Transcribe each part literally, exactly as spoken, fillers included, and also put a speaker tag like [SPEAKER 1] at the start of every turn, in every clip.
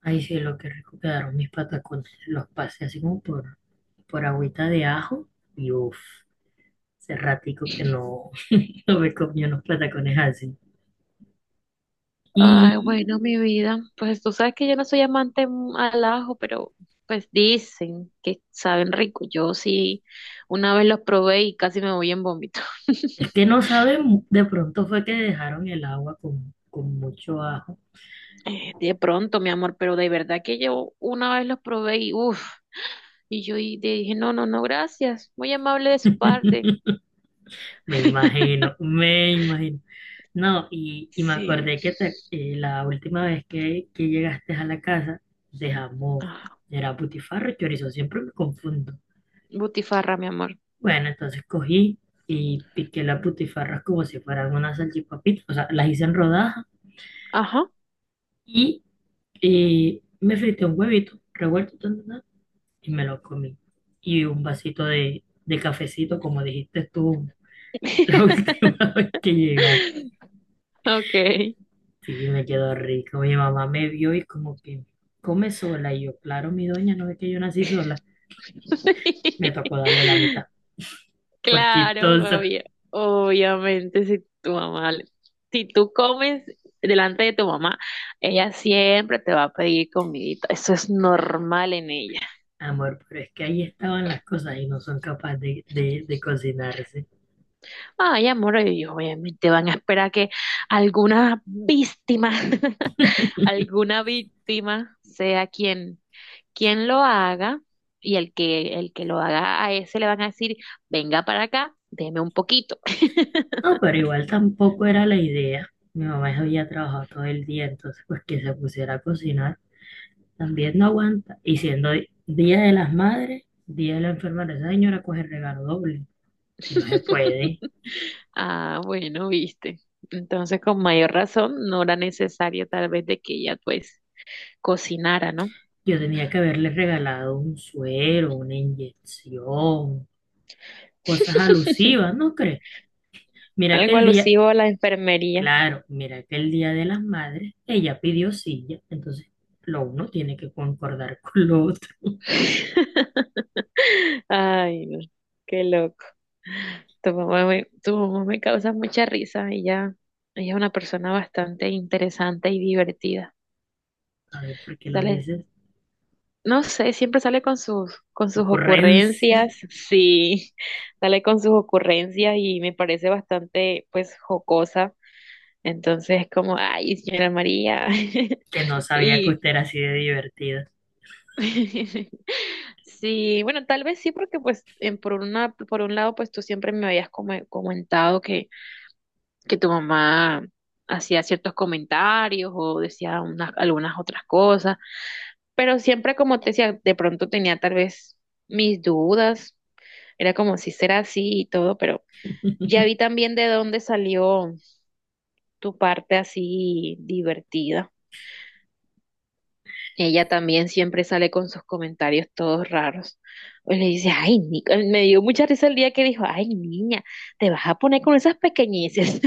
[SPEAKER 1] Ay, sí, lo que rico quedaron mis patacones. Los pasé así como por, por agüita de ajo y uff, hace ratico que no, no me comí unos patacones así.
[SPEAKER 2] Ay,
[SPEAKER 1] Y
[SPEAKER 2] bueno, mi vida, pues tú sabes que yo no soy amante mm, al ajo, pero pues dicen que saben rico. Yo sí, una vez los probé y casi me voy en vómito.
[SPEAKER 1] es que no saben, de pronto fue que dejaron el agua con, con mucho ajo.
[SPEAKER 2] Eh, De pronto, mi amor, pero de verdad que yo una vez los probé y uff, y yo y dije, no, no, no, gracias, muy amable de su parte.
[SPEAKER 1] Me imagino, me imagino. No, y, y me
[SPEAKER 2] Sí.
[SPEAKER 1] acordé que te- eh, la última vez que, que llegaste a la casa dejamos,
[SPEAKER 2] Ah,
[SPEAKER 1] era butifarra, chorizo, siempre me confundo.
[SPEAKER 2] butifarra, mi amor.
[SPEAKER 1] Bueno, entonces cogí y piqué las putifarras como si fueran unas salchipapitas, o sea, las hice en rodajas
[SPEAKER 2] Ajá.
[SPEAKER 1] y eh, me frité un huevito revuelto tan, tan, tan, y me lo comí. Y un vasito de, de cafecito, como dijiste tú la última vez que llegaste.
[SPEAKER 2] Ok.
[SPEAKER 1] Sí, me quedó rico. Mi mamá me vio y como que come sola. Y yo, claro, mi doña, no ve que yo nací sola. Me tocó darle la mitad.
[SPEAKER 2] Claro,
[SPEAKER 1] Forquitosa.
[SPEAKER 2] obvia- obviamente si tu mamá, le- si tú comes delante de tu mamá, ella siempre te va a pedir comidita. Eso es normal en ella.
[SPEAKER 1] Amor, pero es que ahí estaban las cosas y no son capaces de, de, de cocinarse.
[SPEAKER 2] Ay, amor, ellos obviamente van a esperar que alguna víctima, alguna víctima sea quien, quien lo haga y el que, el que lo haga, a ese le van a decir, venga para acá, deme un poquito.
[SPEAKER 1] No, pero igual tampoco era la idea. Mi mamá ya había trabajado todo el día, entonces pues que se pusiera a cocinar también no aguanta. Y siendo di- Día de las Madres, Día de la Enfermera, esa señora coge regalo doble, si no se puede.
[SPEAKER 2] Ah, bueno, viste. Entonces, con mayor razón, no era necesario tal vez de que ella pues cocinara, ¿no?
[SPEAKER 1] Yo tenía que haberle regalado un suero, una inyección, cosas alusivas, ¿no crees? Mira que
[SPEAKER 2] Algo
[SPEAKER 1] el día,
[SPEAKER 2] alusivo a la enfermería.
[SPEAKER 1] claro, mira que el Día de las Madres, ella pidió silla, entonces lo uno tiene que concordar con lo otro.
[SPEAKER 2] Ay, no, qué loco. Tu mamá me, tu mamá me causa mucha risa. Ella, ella es una persona bastante interesante y divertida.
[SPEAKER 1] A ver, ¿por qué lo
[SPEAKER 2] Sale,
[SPEAKER 1] dices?
[SPEAKER 2] no sé, siempre sale con sus, con sus
[SPEAKER 1] Ocurrencia
[SPEAKER 2] ocurrencias. Sí, sale con sus ocurrencias y me parece bastante, pues, jocosa. Entonces, como, ay, señora María.
[SPEAKER 1] que no sabía que
[SPEAKER 2] Y
[SPEAKER 1] usted era así de divertido
[SPEAKER 2] sí, bueno, tal vez sí, porque pues en- por una, por un lado, pues tú siempre me habías come- comentado que, que tu mamá hacía ciertos comentarios o decía unas, algunas otras cosas, pero siempre como te decía, de pronto tenía tal vez mis dudas, era como si será así y todo, pero ya vi también de dónde salió tu parte así divertida. Ella también siempre sale con sus comentarios todos raros. Pues le dice, ay, ni-". me dio mucha risa el día que dijo, ay, niña, te vas a poner con esas pequeñeces.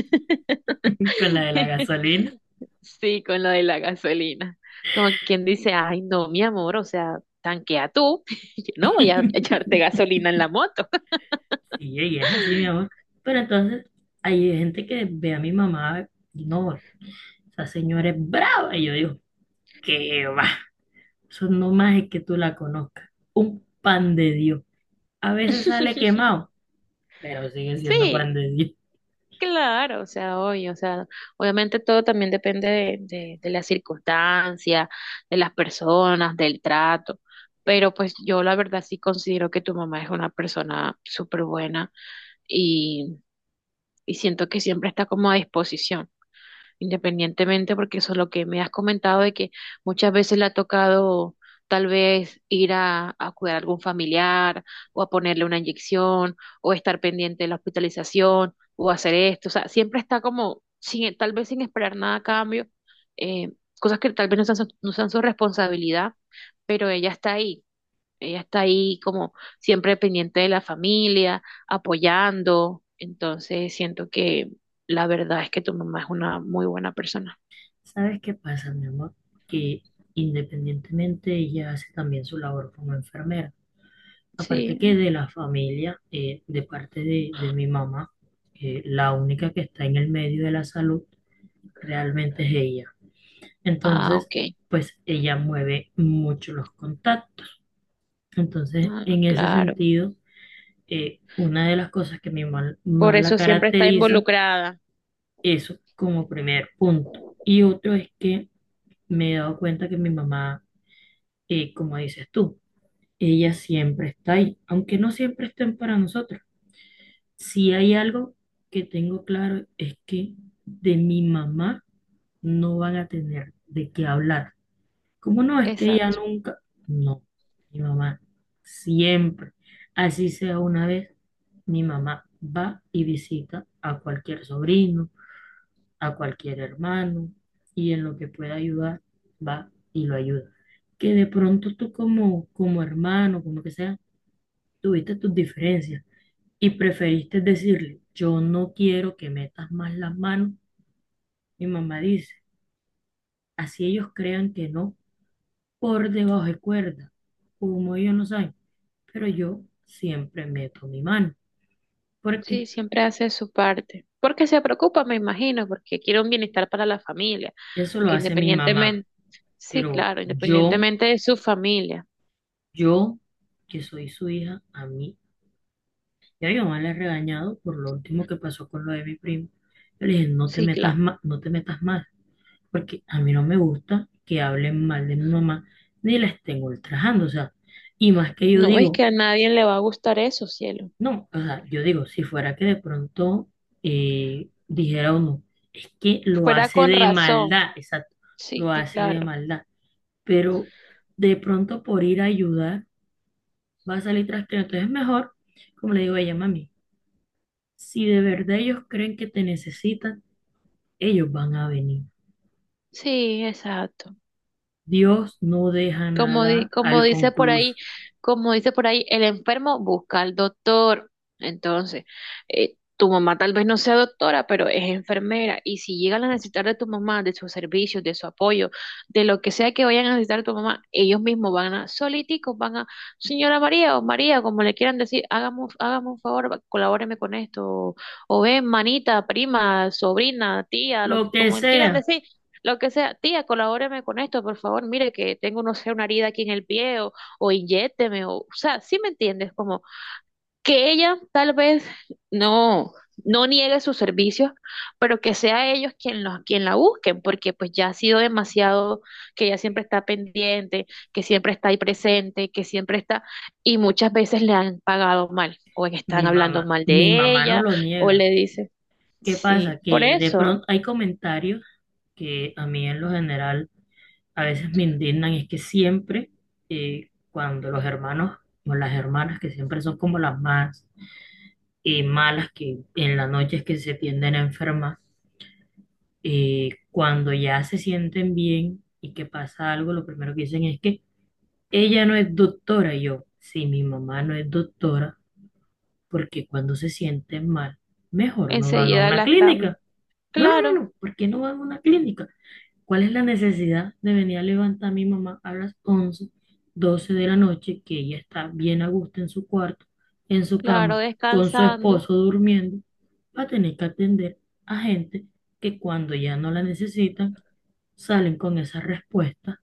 [SPEAKER 1] con la de la gasolina.
[SPEAKER 2] Sí, con lo de la gasolina. Como quien dice, ay, no, mi amor, o sea, tanquea tú. Yo no voy a echarte gasolina en la moto.
[SPEAKER 1] Sí, y es así, mi amor. Pero entonces hay gente que ve a mi mamá y no, esa señora es brava. Y yo digo, ¿qué va? Eso no más es que tú la conozcas. Un pan de Dios. A veces sale quemado, pero sigue siendo
[SPEAKER 2] Sí,
[SPEAKER 1] pan de Dios.
[SPEAKER 2] claro, o sea, hoy, o sea, obviamente todo también depende de, de, de las circunstancias, de las personas, del trato, pero pues yo la verdad sí considero que tu mamá es una persona súper buena y, y siento que siempre está como a disposición independientemente, porque eso es lo que me has comentado de que muchas veces le ha tocado tal vez ir a, a cuidar a algún familiar o a ponerle una inyección o estar pendiente de la hospitalización o hacer esto, o sea, siempre está como sin, tal vez sin esperar nada a cambio, eh, cosas que tal vez no sean su- no sean su responsabilidad, pero ella está ahí. Ella está ahí como siempre pendiente de la familia, apoyando. Entonces siento que la verdad es que tu mamá es una muy buena persona.
[SPEAKER 1] ¿Sabes qué pasa, mi amor? Que independientemente ella hace también su labor como enfermera. Aparte que
[SPEAKER 2] Sí.
[SPEAKER 1] de la familia, eh, de parte de, de mi mamá, eh, la única que está en el medio de la salud realmente es ella.
[SPEAKER 2] Ah,
[SPEAKER 1] Entonces,
[SPEAKER 2] ok.
[SPEAKER 1] pues ella mueve mucho los contactos. Entonces,
[SPEAKER 2] Ah,
[SPEAKER 1] en ese
[SPEAKER 2] claro.
[SPEAKER 1] sentido, eh, una de las cosas que mi mamá
[SPEAKER 2] Por
[SPEAKER 1] más la
[SPEAKER 2] eso siempre está
[SPEAKER 1] caracteriza,
[SPEAKER 2] involucrada.
[SPEAKER 1] eso como primer punto. Y otro es que me he dado cuenta que mi mamá, eh, como dices tú, ella siempre está ahí, aunque no siempre estén para nosotros. Si hay algo que tengo claro es que de mi mamá no van a tener de qué hablar. ¿Cómo no? Es que ella
[SPEAKER 2] Exacto.
[SPEAKER 1] nunca. No, mi mamá siempre, así sea una vez, mi mamá va y visita a cualquier sobrino, a cualquier hermano y en lo que pueda ayudar, va y lo ayuda. Que de pronto tú como, como hermano, como que sea, tuviste tus diferencias y preferiste decirle, yo no quiero que metas más las manos. Mi mamá dice, así ellos crean que no, por debajo de cuerda, como ellos no saben, pero yo siempre meto mi mano, porque
[SPEAKER 2] Sí, siempre hace su parte. Porque se preocupa, me imagino, porque quiere un bienestar para la familia.
[SPEAKER 1] eso lo
[SPEAKER 2] Porque
[SPEAKER 1] hace mi mamá,
[SPEAKER 2] independientemente, sí,
[SPEAKER 1] pero
[SPEAKER 2] claro,
[SPEAKER 1] yo,
[SPEAKER 2] independientemente de su familia.
[SPEAKER 1] yo, que soy su hija, a mí, ya mi mamá le ha regañado por lo último que pasó con lo de mi primo. Yo le dije, no te
[SPEAKER 2] Sí,
[SPEAKER 1] metas
[SPEAKER 2] claro.
[SPEAKER 1] más, no te metas más, porque a mí no me gusta que hablen mal de mi mamá ni la estén ultrajando, o sea, y más que yo
[SPEAKER 2] No es que
[SPEAKER 1] digo,
[SPEAKER 2] a nadie le va a gustar eso, cielo.
[SPEAKER 1] no, o sea, yo digo, si fuera que de pronto eh, dijera uno, es que lo
[SPEAKER 2] Fuera
[SPEAKER 1] hace
[SPEAKER 2] con
[SPEAKER 1] de
[SPEAKER 2] razón.
[SPEAKER 1] maldad, exacto,
[SPEAKER 2] Sí,
[SPEAKER 1] lo hace de
[SPEAKER 2] claro.
[SPEAKER 1] maldad, pero de pronto por ir a ayudar va a salir trasteado, entonces es mejor, como le digo a ella, mami, si de verdad ellos creen que te necesitan, ellos van a venir.
[SPEAKER 2] Sí, exacto.
[SPEAKER 1] Dios no deja
[SPEAKER 2] Como, di-
[SPEAKER 1] nada
[SPEAKER 2] como
[SPEAKER 1] al
[SPEAKER 2] dice por
[SPEAKER 1] concluso.
[SPEAKER 2] ahí, como dice por ahí, el enfermo busca al doctor. Entonces, eh, tu mamá tal vez no sea doctora, pero es enfermera. Y si llegan a necesitar de tu mamá, de sus servicios, de su apoyo, de lo que sea que vayan a necesitar de tu mamá, ellos mismos van a, soliticos, van a, señora María o María, como le quieran decir, hágame, un- hágame un favor, va- colabóreme con esto. O, o ven, manita, prima, sobrina, tía, lo
[SPEAKER 1] Lo
[SPEAKER 2] que,
[SPEAKER 1] que
[SPEAKER 2] como le quieran
[SPEAKER 1] sea.
[SPEAKER 2] decir lo que sea, tía, colabóreme con esto, por favor, mire que tengo, no sé, una herida aquí en el pie o, o inyécteme, o, o sea, sí me entiendes, como que ella tal vez no, no niegue sus servicios, pero que sea ellos quien, los, quien la busquen, porque pues ya ha sido demasiado, que ella siempre está pendiente, que siempre está ahí presente, que siempre está, y muchas veces le han pagado mal, o están
[SPEAKER 1] Mi mamá,
[SPEAKER 2] hablando mal
[SPEAKER 1] mi
[SPEAKER 2] de
[SPEAKER 1] mamá no
[SPEAKER 2] ella,
[SPEAKER 1] lo
[SPEAKER 2] o
[SPEAKER 1] niega.
[SPEAKER 2] le dicen,
[SPEAKER 1] ¿Qué
[SPEAKER 2] sí,
[SPEAKER 1] pasa?
[SPEAKER 2] por
[SPEAKER 1] Que de
[SPEAKER 2] eso,
[SPEAKER 1] pronto hay comentarios que a mí en lo general a veces me indignan y es que siempre eh, cuando los hermanos o las hermanas que siempre son como las más eh, malas que en la noche es que se tienden a enfermar, eh, cuando ya se sienten bien y que pasa algo, lo primero que dicen es que ella no es doctora. Y yo, sí, mi mamá no es doctora porque cuando se sienten mal, mejor no van a
[SPEAKER 2] enseguida
[SPEAKER 1] una
[SPEAKER 2] la están,
[SPEAKER 1] clínica. No, no, no,
[SPEAKER 2] claro.
[SPEAKER 1] no, ¿por qué no van a una clínica? ¿Cuál es la necesidad de venir a levantar a mi mamá a las once, doce de la noche, que ella está bien a gusto en su cuarto, en su
[SPEAKER 2] Claro,
[SPEAKER 1] cama, con su
[SPEAKER 2] descansando.
[SPEAKER 1] esposo durmiendo, para tener que atender a gente que cuando ya no la necesitan, salen con esa respuesta?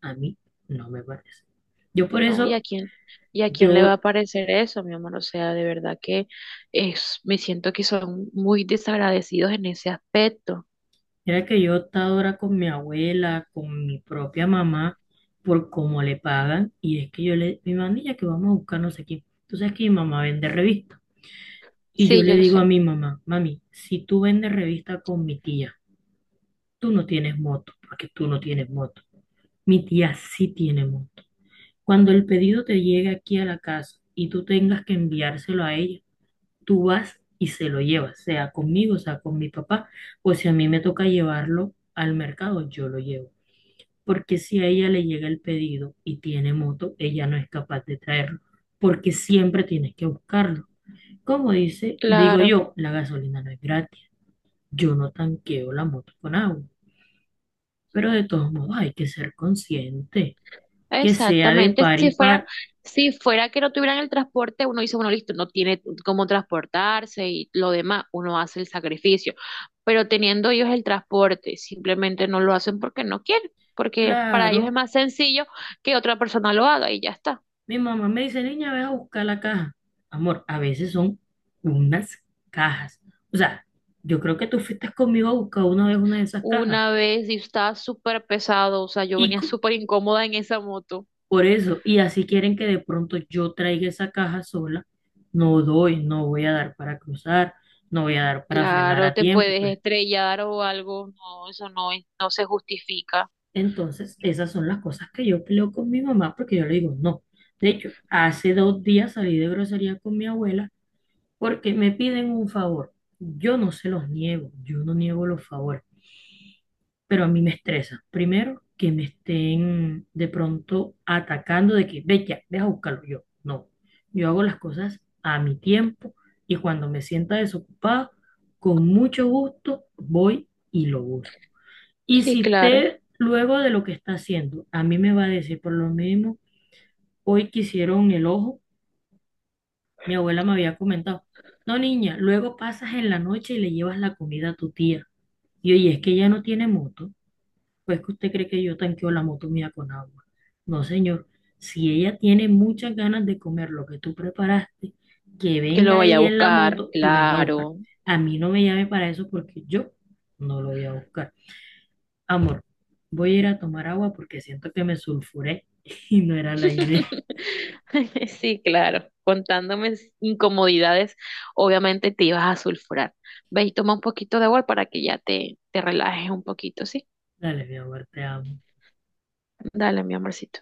[SPEAKER 1] A mí no me parece. Yo por
[SPEAKER 2] No, ¿y a
[SPEAKER 1] eso,
[SPEAKER 2] quién? ¿Y a quién le va
[SPEAKER 1] yo.
[SPEAKER 2] a parecer eso, mi amor? O sea, de verdad que es, me siento que son muy desagradecidos en ese aspecto.
[SPEAKER 1] Mira que yo he estado ahora con mi abuela, con mi propia mamá, por cómo le pagan, y es que yo le, mi mandilla que vamos a buscar no sé quién. Tú sabes que mi mamá vende revistas. Y yo
[SPEAKER 2] Sí,
[SPEAKER 1] le
[SPEAKER 2] yo
[SPEAKER 1] digo a
[SPEAKER 2] sé.
[SPEAKER 1] mi mamá, mami, si tú vendes revista con mi tía, tú no tienes moto, porque tú no tienes moto. Mi tía sí tiene moto. Cuando el pedido te llegue aquí a la casa y tú tengas que enviárselo a ella, tú vas y se lo llevas, sea conmigo, sea con mi papá, o si a mí me toca llevarlo al mercado, yo lo llevo, porque si a ella le llega el pedido y tiene moto, ella no es capaz de traerlo, porque siempre tienes que buscarlo. Como dice, digo
[SPEAKER 2] Claro,
[SPEAKER 1] yo, la gasolina no es gratis, yo no tanqueo la moto con agua, pero de todos modos hay que ser consciente, que sea de
[SPEAKER 2] exactamente.
[SPEAKER 1] par
[SPEAKER 2] Si
[SPEAKER 1] y
[SPEAKER 2] fuera,
[SPEAKER 1] par.
[SPEAKER 2] si fuera que no tuvieran el transporte, uno dice, bueno, listo, no tiene cómo transportarse y lo demás, uno hace el sacrificio. Pero teniendo ellos el transporte, simplemente no lo hacen porque no quieren, porque para ellos es
[SPEAKER 1] Claro,
[SPEAKER 2] más sencillo que otra persona lo haga y ya está.
[SPEAKER 1] mi mamá me dice, niña, ve a buscar la caja. Amor, a veces son unas cajas. O sea, yo creo que tú fuiste conmigo a buscar una vez una de esas cajas.
[SPEAKER 2] Una vez y estaba súper pesado, o sea, yo
[SPEAKER 1] Y,
[SPEAKER 2] venía súper incómoda en esa moto.
[SPEAKER 1] Por eso, y así quieren que de pronto yo traiga esa caja sola, no doy, no voy a dar para cruzar, no voy a dar para frenar
[SPEAKER 2] Claro,
[SPEAKER 1] a
[SPEAKER 2] te
[SPEAKER 1] tiempo.
[SPEAKER 2] puedes
[SPEAKER 1] Entonces,
[SPEAKER 2] estrellar o algo, no, eso no es- no se justifica.
[SPEAKER 1] entonces, esas son las cosas que yo peleo con mi mamá porque yo le digo no. De hecho, hace dos días salí de grosería con mi abuela porque me piden un favor. Yo no se los niego, yo no niego los favores, pero a mí me estresa. Primero, que me estén de pronto atacando de que, ve ya, deja buscarlo yo. No, yo hago las cosas a mi tiempo y cuando me sienta desocupada, con mucho gusto voy y lo busco. Y
[SPEAKER 2] Sí,
[SPEAKER 1] si
[SPEAKER 2] claro,
[SPEAKER 1] usted luego de lo que está haciendo, a mí me va a decir por lo mismo, hoy quisieron el ojo, mi abuela me había comentado, no niña, luego pasas en la noche y le llevas la comida a tu tía. Y oye, es que ella no tiene moto. Pues que usted cree que yo tanqueo la moto mía con agua. No, señor. Si ella tiene muchas ganas de comer lo que tú preparaste, que
[SPEAKER 2] que lo
[SPEAKER 1] venga
[SPEAKER 2] vaya a
[SPEAKER 1] ella en la
[SPEAKER 2] buscar,
[SPEAKER 1] moto y venga a buscar.
[SPEAKER 2] claro.
[SPEAKER 1] A mí no me llame para eso porque yo no lo voy a buscar. Amor, voy a ir a tomar agua porque siento que me sulfuré y no era la idea.
[SPEAKER 2] Sí, claro, contándome s- incomodidades, obviamente te ibas a sulfurar. Ve y toma un poquito de agua para que ya te, te relajes un poquito, ¿sí?
[SPEAKER 1] Dale, mi amor, te amo.
[SPEAKER 2] Dale, mi amorcito.